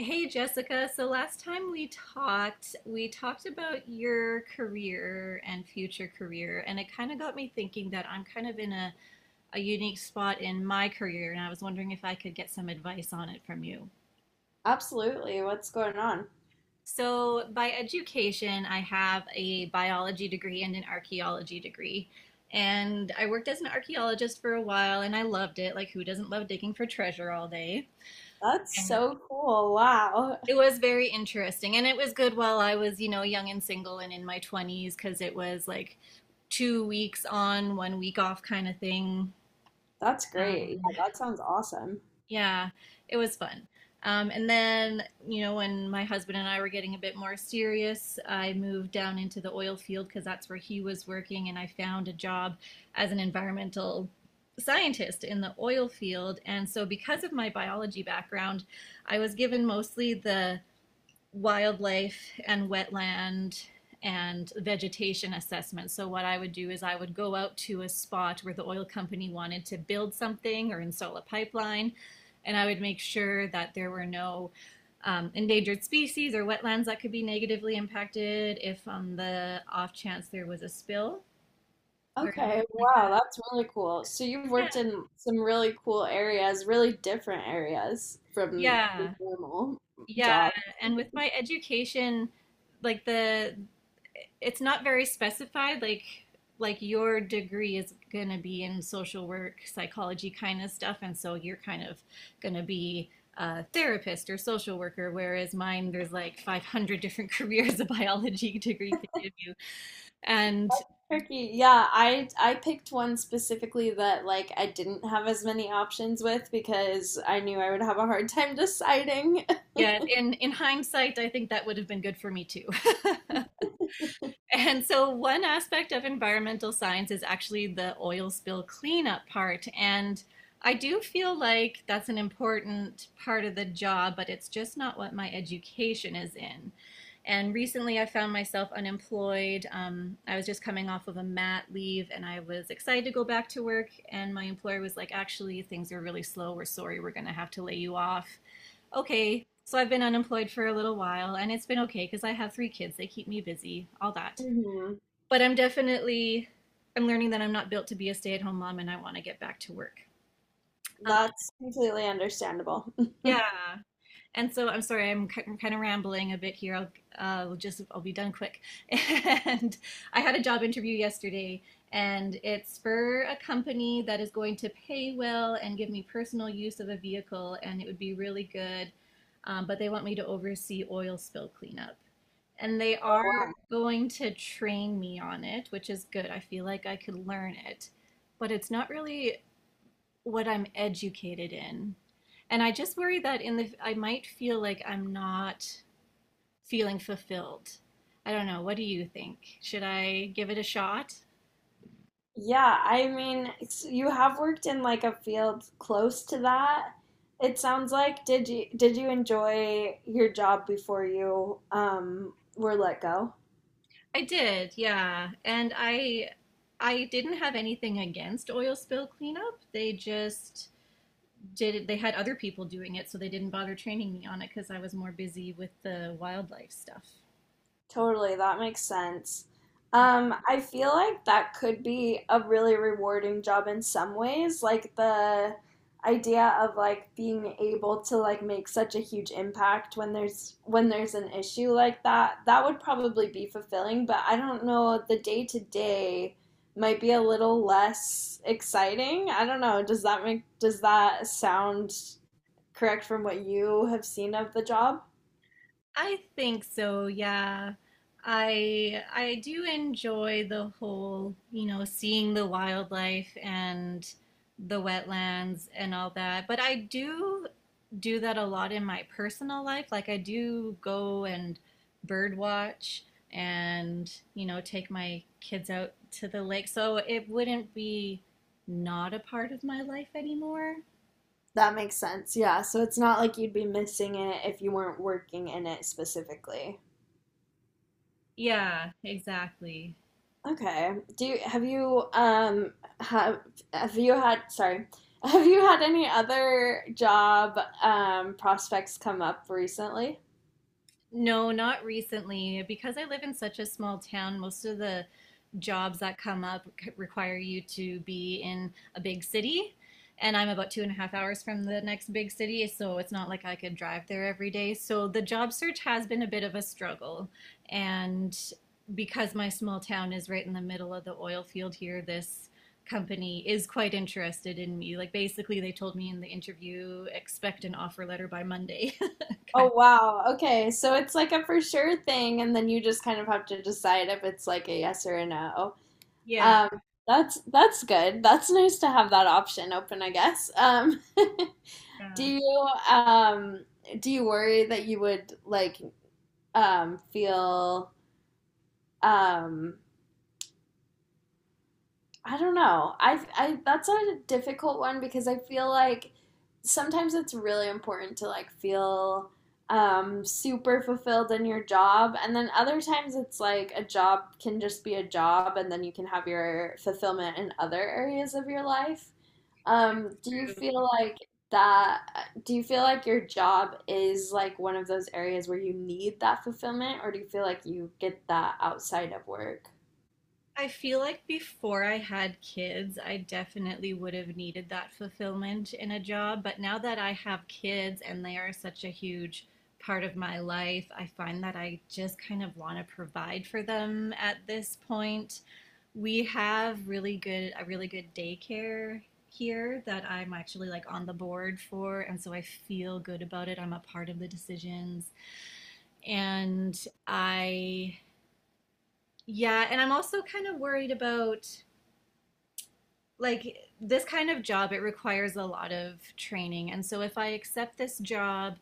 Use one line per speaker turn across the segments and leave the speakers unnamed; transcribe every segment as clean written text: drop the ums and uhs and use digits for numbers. Hey Jessica, so last time we talked about your career and future career, and it kind of got me thinking that I'm kind of in a unique spot in my career, and I was wondering if I could get some advice on it from you.
Absolutely. What's going on?
So, by education, I have a biology degree and an archaeology degree. And I worked as an archaeologist for a while, and I loved it. Like, who doesn't love digging for treasure all day?
That's
And
so cool. Wow.
it was very interesting, and it was good while I was, you know, young and single and in my 20s because it was like 2 weeks on, 1 week off kind of thing.
That's great.
Um,
Yeah, that sounds awesome.
yeah, it was fun. And then, you know, when my husband and I were getting a bit more serious, I moved down into the oil field because that's where he was working, and I found a job as an environmental scientist in the oil field. And so, because of my biology background, I was given mostly the wildlife and wetland and vegetation assessment. So what I would do is I would go out to a spot where the oil company wanted to build something or install a pipeline, and I would make sure that there were no endangered species or wetlands that could be negatively impacted if on the off chance there was a spill or anything
Okay.
like
Wow,
that.
that's really cool. So you've
Yeah,
worked in some really cool areas, really different areas from the
yeah,
normal
yeah.
job.
And with my education, like the it's not very specified, like your degree is going to be in social work psychology kind of stuff, and so you're kind of going to be a therapist or social worker, whereas mine, there's like 500 different careers a biology degree could give you. And
Turkey. Yeah, I picked one specifically that like I didn't have as many options with because I knew I would have a hard time deciding.
yeah, in hindsight, I think that would have been good for me too. And so, one aspect of environmental science is actually the oil spill cleanup part. And I do feel like that's an important part of the job, but it's just not what my education is in. And recently, I found myself unemployed. I was just coming off of a mat leave and I was excited to go back to work. And my employer was like, actually, things are really slow. We're sorry. We're going to have to lay you off. Okay. So I've been unemployed for a little while and it's been okay because I have 3 kids. They keep me busy, all that,
Hmm.
but I'm definitely, I'm learning that I'm not built to be a stay-at-home mom and I want to get back to work. Um,
That's completely understandable.
yeah. And so, I'm sorry, I'm kind of rambling a bit here. I'll, just I'll be done quick. And I had a job interview yesterday, and it's for a company that is going to pay well and give me personal use of a vehicle, and it would be really good. But they want me to oversee oil spill cleanup, and they are going to train me on it, which is good. I feel like I could learn it, but it's not really what I'm educated in. And I just worry that in the I might feel like I'm not feeling fulfilled. I don't know. What do you think? Should I give it a shot?
Yeah, I mean, you have worked in like a field close to that. It sounds like did you enjoy your job before you were let go?
I did, yeah. And I didn't have anything against oil spill cleanup. They just did it. They had other people doing it, so they didn't bother training me on it because I was more busy with the wildlife stuff.
Totally, that makes sense. I feel like that could be a really rewarding job in some ways, like the idea of like being able to like make such a huge impact when there's an issue like that. That would probably be fulfilling, but I don't know, the day to day might be a little less exciting. I don't know. Does that sound correct from what you have seen of the job?
I think so, yeah. I do enjoy the whole, you know, seeing the wildlife and the wetlands and all that. But I do that a lot in my personal life. Like, I do go and bird watch and, you know, take my kids out to the lake. So it wouldn't be not a part of my life anymore.
That makes sense. Yeah. So it's not like you'd be missing it if you weren't working in it specifically.
Yeah, exactly.
Okay. Have you have have you had sorry have you had any other job prospects come up recently?
No, not recently. Because I live in such a small town, most of the jobs that come up require you to be in a big city. And I'm about two and a half hours from the next big city, so it's not like I could drive there every day. So the job search has been a bit of a struggle. And because my small town is right in the middle of the oil field here, this company is quite interested in me. Like, basically, they told me in the interview, expect an offer letter by Monday. Kind of.
Oh wow. Okay. So it's like a for sure thing and then you just kind of have to decide if it's like a yes or a no.
Yeah.
Um, that's good. That's nice to have that option open, I guess. Um, do
Yeah.
you do you worry that you would like feel, um, I don't know. I that's a difficult one because I feel like sometimes it's really important to like feel, um, super fulfilled in your job and then other times it's like a job can just be a job and then you can have your fulfillment in other areas of your life. Do you feel like that, do you feel like your job is like one of those areas where you need that fulfillment, or do you feel like you get that outside of work?
I feel like before I had kids, I definitely would have needed that fulfillment in a job. But now that I have kids and they are such a huge part of my life, I find that I just kind of want to provide for them at this point. We have really good a really good daycare here that I'm actually like on the board for, and so I feel good about it. I'm a part of the decisions. And I Yeah, and I'm also kind of worried about like this kind of job, it requires a lot of training, and so if I accept this job,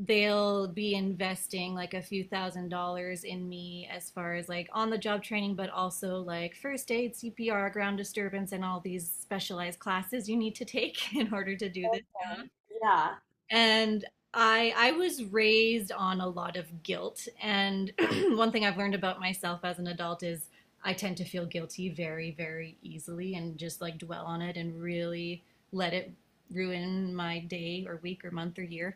they'll be investing like a few $ thousand in me, as far as like on the job training, but also like first aid, CPR, ground disturbance, and all these specialized classes you need to take in order to do this job.
Yeah,
And I was raised on a lot of guilt and one thing I've learned about myself as an adult is I tend to feel guilty very very easily and just like dwell on it and really let it ruin my day or week or month or year.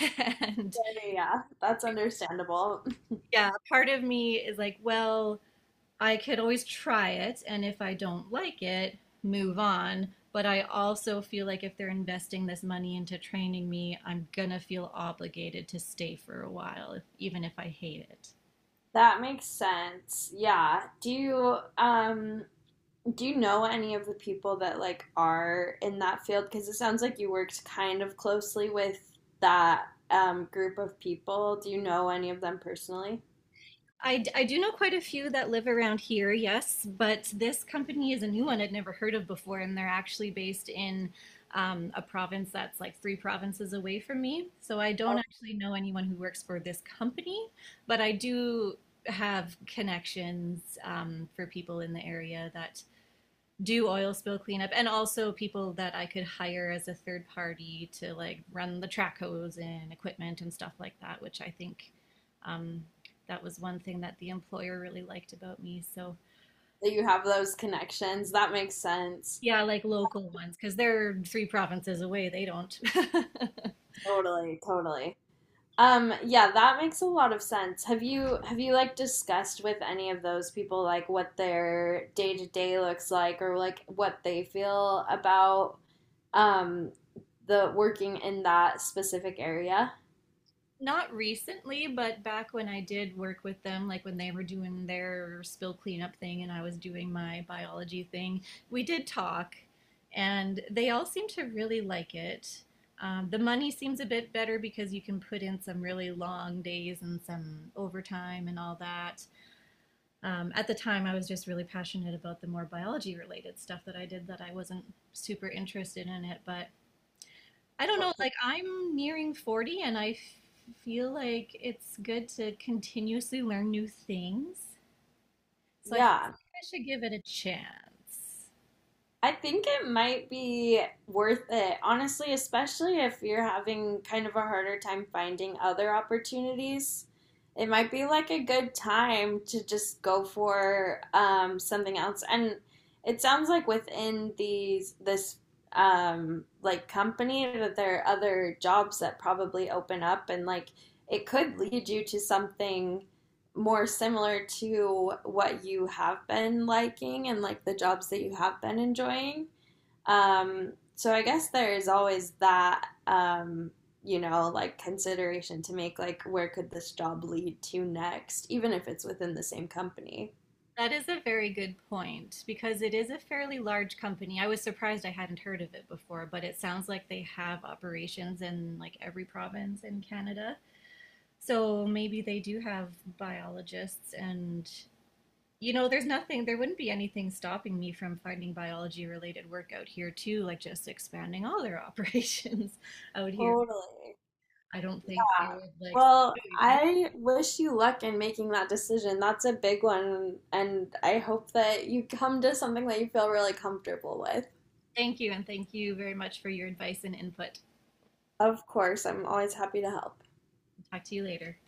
And
yeah, yeah, yeah. That's understandable.
yeah, part of me is like, well, I could always try it, and if I don't like it, move on. But I also feel like if they're investing this money into training me, I'm gonna feel obligated to stay for a while, even if I hate it.
That makes sense. Yeah. Do you know any of the people that like are in that field? Because it sounds like you worked kind of closely with that, um, group of people. Do you know any of them personally?
I do know quite a few that live around here, yes, but this company is a new one I'd never heard of before, and they're actually based in a province that's like 3 provinces away from me. So I don't actually know anyone who works for this company, but I do have connections, for people in the area that do oil spill cleanup, and also people that I could hire as a third party to like run the track hose and equipment and stuff like that, which I think, um, that was one thing that the employer really liked about me. So
That you have those connections. That makes sense.
yeah, like local ones, because they're 3 provinces away. They don't.
Totally, totally. Yeah, that makes a lot of sense. Have you like discussed with any of those people like what their day to day looks like or like what they feel about, um, the working in that specific area?
Not recently, but back when I did work with them, like when they were doing their spill cleanup thing and I was doing my biology thing, we did talk, and they all seem to really like it. The money seems a bit better because you can put in some really long days and some overtime and all that. At the time, I was just really passionate about the more biology related stuff that I did, that I wasn't super interested in it, but I don't know, like I'm nearing 40 and I feel like it's good to continuously learn new things. So I feel
Yeah.
like I should give it a chance.
I think it might be worth it, honestly, especially if you're having kind of a harder time finding other opportunities. It might be like a good time to just go for, something else. And it sounds like within these this like company that there are other jobs that probably open up and like it could lead you to something more similar to what you have been liking and like the jobs that you have been enjoying. So I guess there is always that, you know, like consideration to make like where could this job lead to next, even if it's within the same company.
That is a very good point because it is a fairly large company. I was surprised I hadn't heard of it before, but it sounds like they have operations in like every province in Canada. So maybe they do have biologists and, you know, there's nothing, there wouldn't be anything stopping me from finding biology related work out here too, like just expanding all their operations out here.
Totally.
I don't think
Yeah.
they would like,
Well,
no, you can't.
I wish you luck in making that decision. That's a big one, and I hope that you come to something that you feel really comfortable with.
Thank you, and thank you very much for your advice and input.
Of course, I'm always happy to help.
Talk to you later.